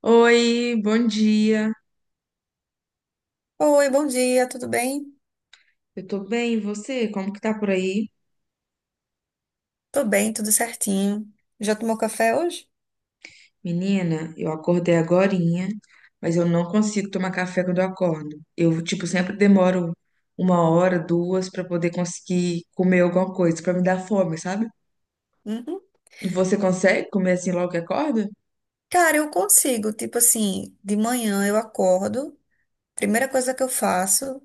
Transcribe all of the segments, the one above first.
Oi, bom dia. Oi, bom dia, tudo bem? Eu tô bem, e você? Como que tá por aí? Tô bem, tudo certinho. Já tomou café hoje? Menina, eu acordei agorinha, mas eu não consigo tomar café quando eu acordo. Eu, tipo, sempre demoro uma hora, duas pra poder conseguir comer alguma coisa, pra me dar fome, sabe? Uhum. Você consegue comer assim logo que acorda? Cara, eu consigo, tipo assim, de manhã eu acordo, primeira coisa que eu faço,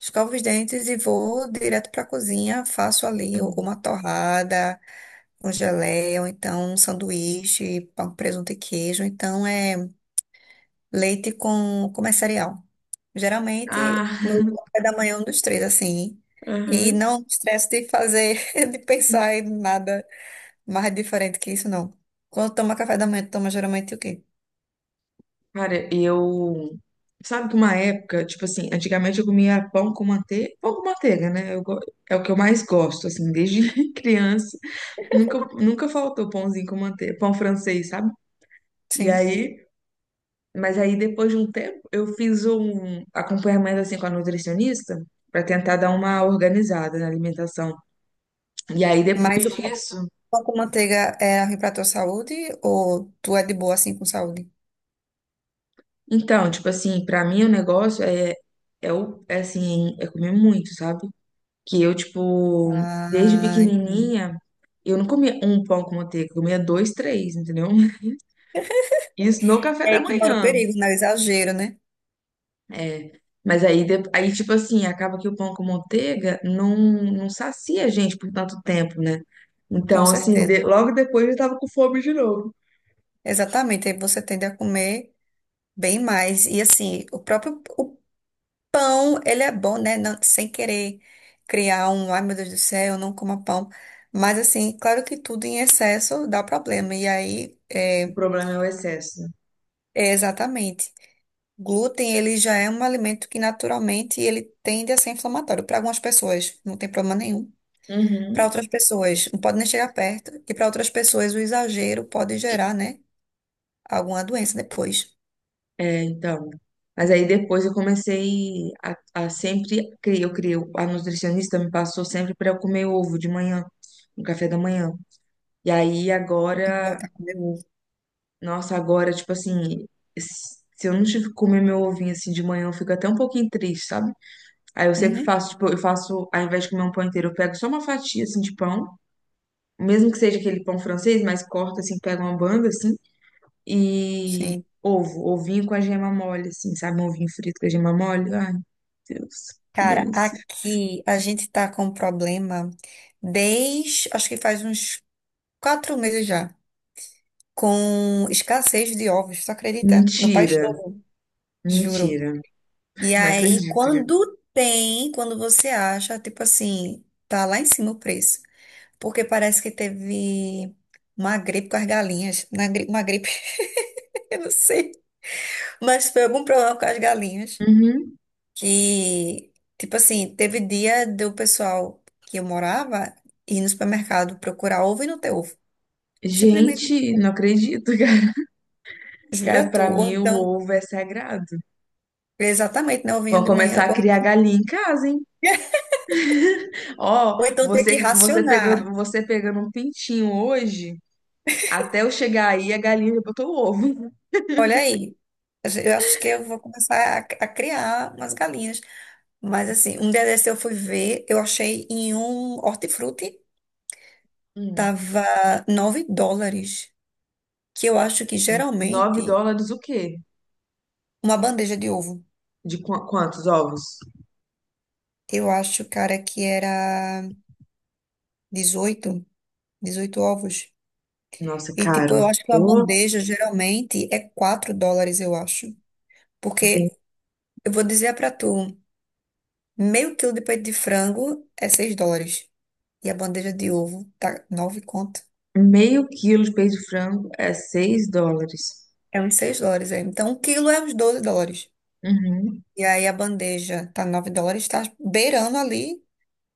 escovo os dentes e vou direto pra cozinha, faço ali uma torrada, um geleia, ou então um sanduíche, pão, presunto e queijo. Então é. Leite com mais cereal. Geralmente, Ah, meu café da manhã é um dos três, assim. E aham. não estresso de fazer, de pensar em nada mais diferente que isso, não. Quando toma café da manhã, toma geralmente o quê? Cara, eu. Sabe que uma época, tipo assim, antigamente eu comia pão com manteiga, né? É o que eu mais gosto, assim, desde criança. Nunca, nunca faltou pãozinho com manteiga, pão francês, sabe? E Sim. aí, mas aí depois de um tempo, eu fiz um acompanhamento, assim, com a nutricionista, pra tentar dar uma organizada na alimentação. E aí Mas depois o pão disso, pão com manteiga é ruim pra tua saúde ou tu é de boa assim com saúde? então, tipo assim, pra mim o negócio é, é assim, é comer muito, sabe? Que eu, tipo, desde Ah, entendi. pequenininha, eu não comia um pão com manteiga, eu comia dois, três, entendeu? Isso no café E da aí que mora o manhã. perigo, né? O exagero, né? É. Mas aí, aí, tipo assim, acaba que o pão com manteiga não, não sacia a gente por tanto tempo, né? Com Então, assim, certeza. logo depois eu tava com fome de novo. Exatamente, aí você tende a comer bem mais. E assim, o pão, ele é bom, né? Não, sem querer criar um, ai meu Deus do céu, eu não coma pão. Mas assim, claro que tudo em excesso dá problema. E aí, O é, problema é o excesso. é exatamente. Glúten, ele já é um alimento que naturalmente ele tende a ser inflamatório. Para algumas pessoas, não tem problema nenhum. Para Uhum. outras pessoas, não pode nem chegar perto. E para outras pessoas, o exagero pode gerar, né? Alguma doença depois. É, então. Mas aí Hum. depois eu comecei a, a sempre. Eu criei, a nutricionista me passou sempre para eu comer ovo de manhã, no café da manhã. E aí Eu tenho que agora, voltar a comer ovo. nossa, agora, tipo assim, se eu não tive que comer meu ovinho assim de manhã, eu fico até um pouquinho triste, sabe? Aí eu sempre Uhum, faço, tipo, eu faço, ao invés de comer um pão inteiro, eu pego só uma fatia assim de pão, mesmo que seja aquele pão francês, mas corta assim, pega uma banda assim, e sim. ovo, ovinho com a gema mole, assim, sabe? Um ovinho frito com a gema mole. Ai, Deus, que Cara, delícia. aqui a gente tá com um problema desde, acho que faz uns 4 meses já, com escassez de ovos, tu acredita? No país Mentira, todo, juro. mentira. E Não aí, acredito, cara. quando tem, quando você acha, tipo assim, tá lá em cima o preço. Porque parece que teve uma gripe com as galinhas, uma gripe, eu não sei, mas foi algum problema com as galinhas. Uhum. Que, tipo assim, teve dia do pessoal que eu morava ir no supermercado procurar ovo e não ter ovo. Simplesmente Gente, não acredito. jura Cara, tu. pra Ou mim o então, ovo é sagrado. exatamente, não Vão vinho de manhã. começar a Ou criar então, galinha em casa, hein? Ó, ou então ter que você pegando, racionar. você pegando um pintinho hoje, até eu chegar aí a galinha já botou o ovo. Olha aí. Eu acho que eu vou começar a criar umas galinhas. Mas assim, um dia desse eu fui ver, eu achei em um hortifruti, Hum, tava 9 dólares, que eu acho que 9 geralmente dólares o quê? uma bandeja de ovo. De quantos ovos? Eu acho, cara, que era 18, 18 ovos. Nossa, E, tipo, caro. eu acho que uma Ô, bandeja geralmente é 4 dólares, eu acho. tem Porque, eu vou dizer pra tu, meio quilo de peito de frango é 6 dólares. E a bandeja de ovo tá 9 conto. meio quilo de peito de frango é 6 dólares. É uns 6 dólares aí. Então, um quilo é uns 12 dólares. Uhum. E aí a bandeja tá 9 dólares, tá beirando ali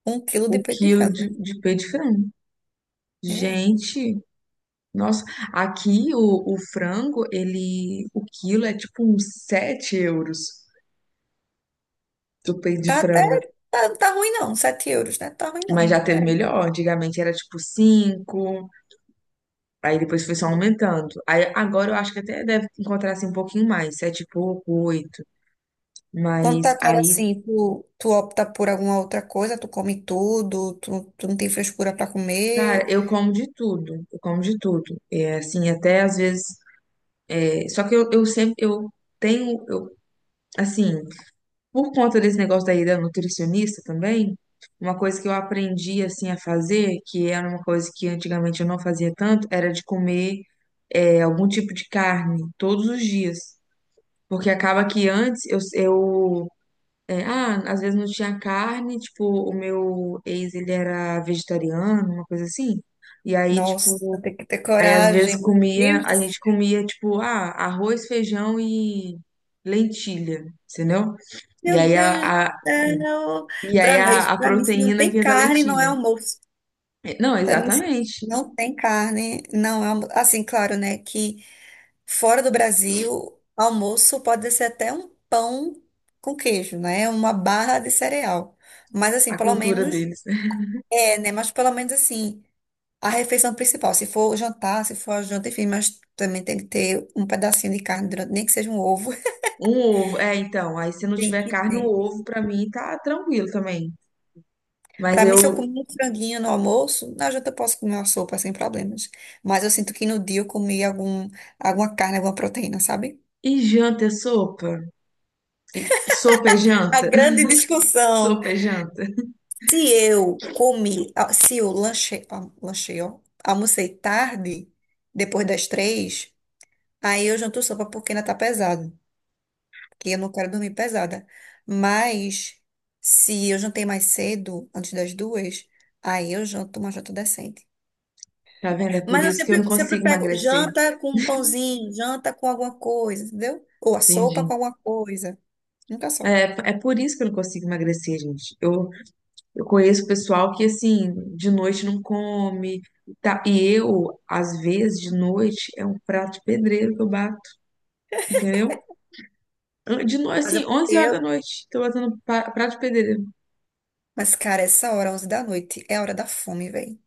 um quilo de O peito de quilo frango, de, né? de peito de frango. É. Gente, nossa, aqui o frango, ele, o quilo é tipo uns 7 euros do peito de Tá frango. até. Tá ruim não, 7 euros, né? Tá ruim Mas não. já teve É. melhor, antigamente era tipo cinco, aí depois foi só aumentando. Aí agora eu acho que até deve encontrar assim um pouquinho mais, 7 e pouco, oito. Quando Mas tá cara aí, assim, tu opta por alguma outra coisa, tu come tudo, tu não tem frescura pra cara, comer. eu como de tudo, eu como de tudo. É assim, até às vezes. É, só que eu sempre, eu tenho, eu, assim. Por conta desse negócio da nutricionista também, uma coisa que eu aprendi assim a fazer, que era uma coisa que antigamente eu não fazia tanto, era de comer é, algum tipo de carne todos os dias. Porque acaba que antes eu às vezes não tinha carne, tipo, o meu ex ele era vegetariano, uma coisa assim. E aí, Nossa, tipo, tem que ter aí às vezes coragem. Meu comia, Deus do a gente céu. comia, tipo, ah, arroz, feijão e lentilha, entendeu? E Meu aí Deus do a, céu. E aí a, a Pra mim, se não proteína tem vinha da carne, não é lentilha. almoço. É. Não, Pra mim, se exatamente. não tem carne, não é almoço. Assim, claro, né, que fora do Brasil, almoço pode ser até um pão com queijo, né? Uma barra de cereal. Mas assim, A pelo cultura menos, deles. Né? é, né? Mas pelo menos assim. A refeição principal, se for jantar, se for a janta, enfim, mas também tem que ter um pedacinho de carne durante, nem que seja um ovo. Um ovo. É, então. Aí se não Tem tiver que carne, um ter. ovo pra mim tá tranquilo também. Mas Para mim, se eu eu. comer um franguinho no almoço, na janta eu posso comer uma sopa sem problemas. Mas eu sinto que no dia eu comi alguma carne, alguma proteína, sabe? E janta é sopa? Sopa é A janta? grande discussão. Sopa é janta. Se eu comi, ah, se eu lanchei, ah, lanchei, ó, almocei tarde, depois das três, aí eu janto sopa porque ainda tá pesado. Que eu não quero dormir pesada. Mas se eu jantei mais cedo, antes das duas, aí eu janto uma janta decente. Tá vendo? É por Mas eu isso que eu não sempre consigo pego emagrecer. janta com um pãozinho, janta com alguma coisa, entendeu? Ou a Entendi. sopa com alguma coisa. Nunca só. É por isso que eu não consigo emagrecer, gente. Eu conheço pessoal que, assim, de noite não come. Tá? E eu, às vezes, de noite, é um prato de pedreiro que eu bato, entendeu? De noite, Mas é assim, porque. 11 horas da eu- noite. Tô batendo prato de pedreiro. Mas, cara, essa hora, 11 da noite, é a hora da fome, velho.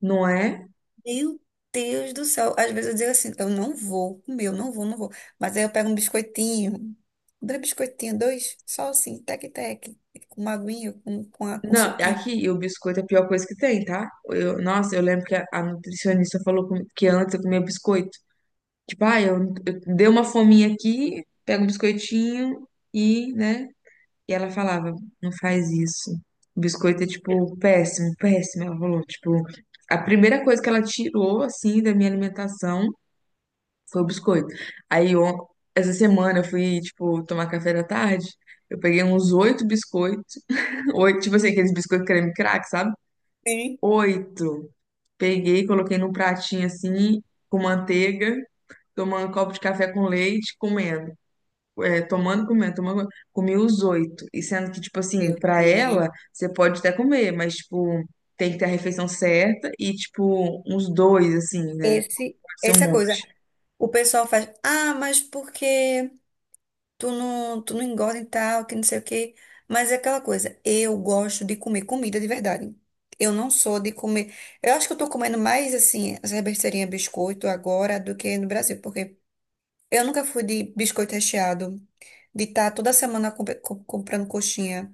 Não é? Meu Deus do céu. Às vezes eu digo assim, eu não vou comer, eu não vou. Mas aí eu pego um biscoitinho, dois biscoitinhos, dois, só assim, tec-tec, com uma aguinha, com Não, é suquinho. aqui e o biscoito é a pior coisa que tem, tá? Eu, nossa, eu lembro que a nutricionista falou comigo que antes eu comia biscoito. Tipo, ah, eu dei uma fominha aqui, pego um biscoitinho e, né? E ela falava, não faz isso. O biscoito é, tipo, péssimo, péssimo. Ela falou, tipo, a primeira coisa que ela tirou, assim, da minha alimentação. Foi o biscoito. Aí, essa semana eu fui, tipo, tomar café da tarde. Eu peguei uns oito biscoitos. Oito, tipo assim, aqueles biscoitos creme crack, sabe? Sim. Oito. Peguei, coloquei num pratinho assim, com manteiga, tomando um copo de café com leite, comendo. É, tomando, comendo, tomando, comendo. Comi os oito. E sendo que, tipo assim, Meu pra Deus. ela, você pode até comer, mas, tipo, tem que ter a refeição certa e, tipo, uns dois, assim, né? Pode ser um Essa coisa. monte. O pessoal faz, ah, mas porque tu não engorda e tal, que não sei o quê. Mas é aquela coisa, eu gosto de comer comida de verdade. Eu não sou de comer. Eu acho que eu tô comendo mais, assim, essa besteirinha biscoito agora do que no Brasil, porque eu nunca fui de biscoito recheado, de estar toda semana comprando coxinha.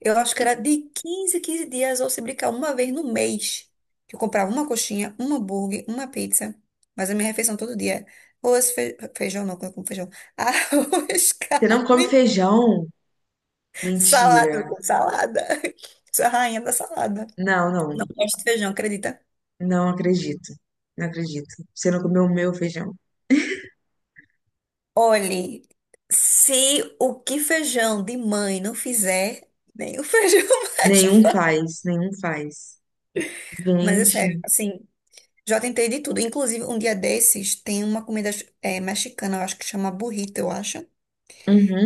Eu acho que era de 15 dias, ou se brincar, uma vez no mês, que eu comprava uma coxinha, um hambúrguer, uma pizza. Mas a minha refeição todo dia, é arroz, feijão, não, que eu como feijão, arroz, Você não come carne, feijão? salada, eu Mentira. como salada. Sou a rainha da salada. Não, Não não, gosto de feijão, acredita? não acredito. Não acredito. Você não comeu o meu feijão. Olhe, se o que feijão de mãe não fizer, nem o feijão mais Nenhum faz. faz, nenhum faz. Mas é sério, Gente, assim, já tentei de tudo. Inclusive, um dia desses tem uma comida eh, mexicana, eu acho que chama burrito, eu acho.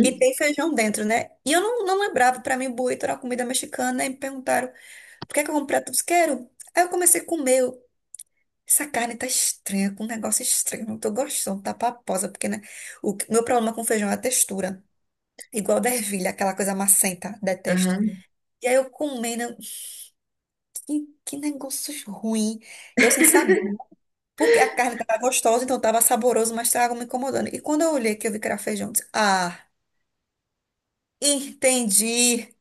E tem feijão dentro, né? E eu não lembrava, pra mim, burrito era comida mexicana. E me perguntaram, por que é que eu comprei? Eu disse, quero. Aí eu comecei a comer. Eu, essa carne tá estranha, com um negócio estranho. Não tô gostando, tá paposa. Porque, né? Meu problema com feijão é a textura. Igual da ervilha, aquela coisa macenta, detesto. uhum. E aí eu comendo, que negócio ruim. Eu sem saber. Porque a carne estava gostosa, então estava saboroso, mas estava me incomodando. E quando eu olhei que eu vi que era feijão, eu disse, ah, entendi.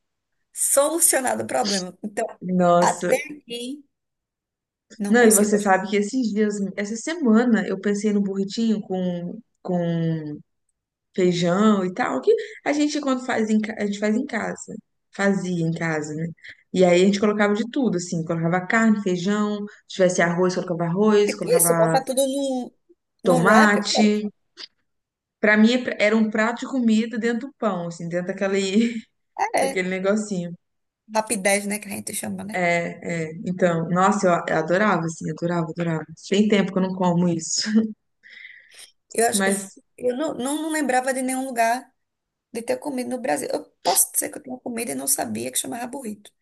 Solucionado o problema. Então, Nossa. até aqui, não Não, e consigo você gostar. sabe que esses dias, essa semana, eu pensei no burritinho com feijão e tal, que a gente quando faz a gente faz em casa. Fazia em casa, né? E aí a gente colocava de tudo, assim, colocava carne, feijão, se tivesse arroz, Tipo isso, colocava botar tudo num wrap, e pronto. tomate. Pra mim é era um prato de comida dentro do pão, assim, dentro daquele, É, é. daquele negocinho. Rapidez, né, que a gente chama, né? É, é. Então, nossa, eu adorava, assim, adorava, adorava. Tem tempo que eu não como isso. Eu, acho- Mas, eu não lembrava de nenhum lugar de ter comido no Brasil. Eu posso dizer que eu tinha comido e não sabia que chamava burrito.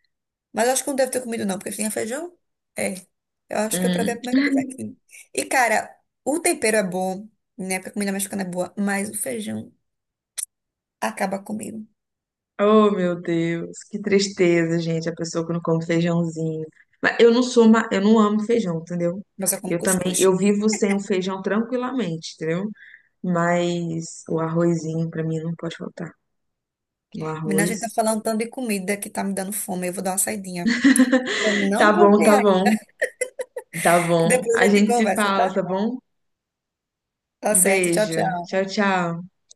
Mas eu acho que não deve ter comido, não, porque tinha feijão. É. Eu acho que eu provei a hum, primeira vez aqui. E, cara, o tempero é bom, né? Porque a comida mexicana é boa, mas o feijão acaba comigo. oh meu Deus, que tristeza, gente, a pessoa que não come feijãozinho. Mas eu não sou, eu não amo feijão, entendeu? Mas eu como Eu também, cuscuz. eu vivo sem o feijão tranquilamente, entendeu? Mas o arrozinho pra mim não pode faltar. O Menina, a gente tá arroz. falando tanto de comida que tá me dando fome. Eu vou dar uma saidinha. Eu Tá não bom, jantei tá ainda. bom. Tá E bom. depois a A gente gente se conversa, fala, tá? tá bom? Tá Um certo. Tchau, beijo. tchau. Tchau, tchau.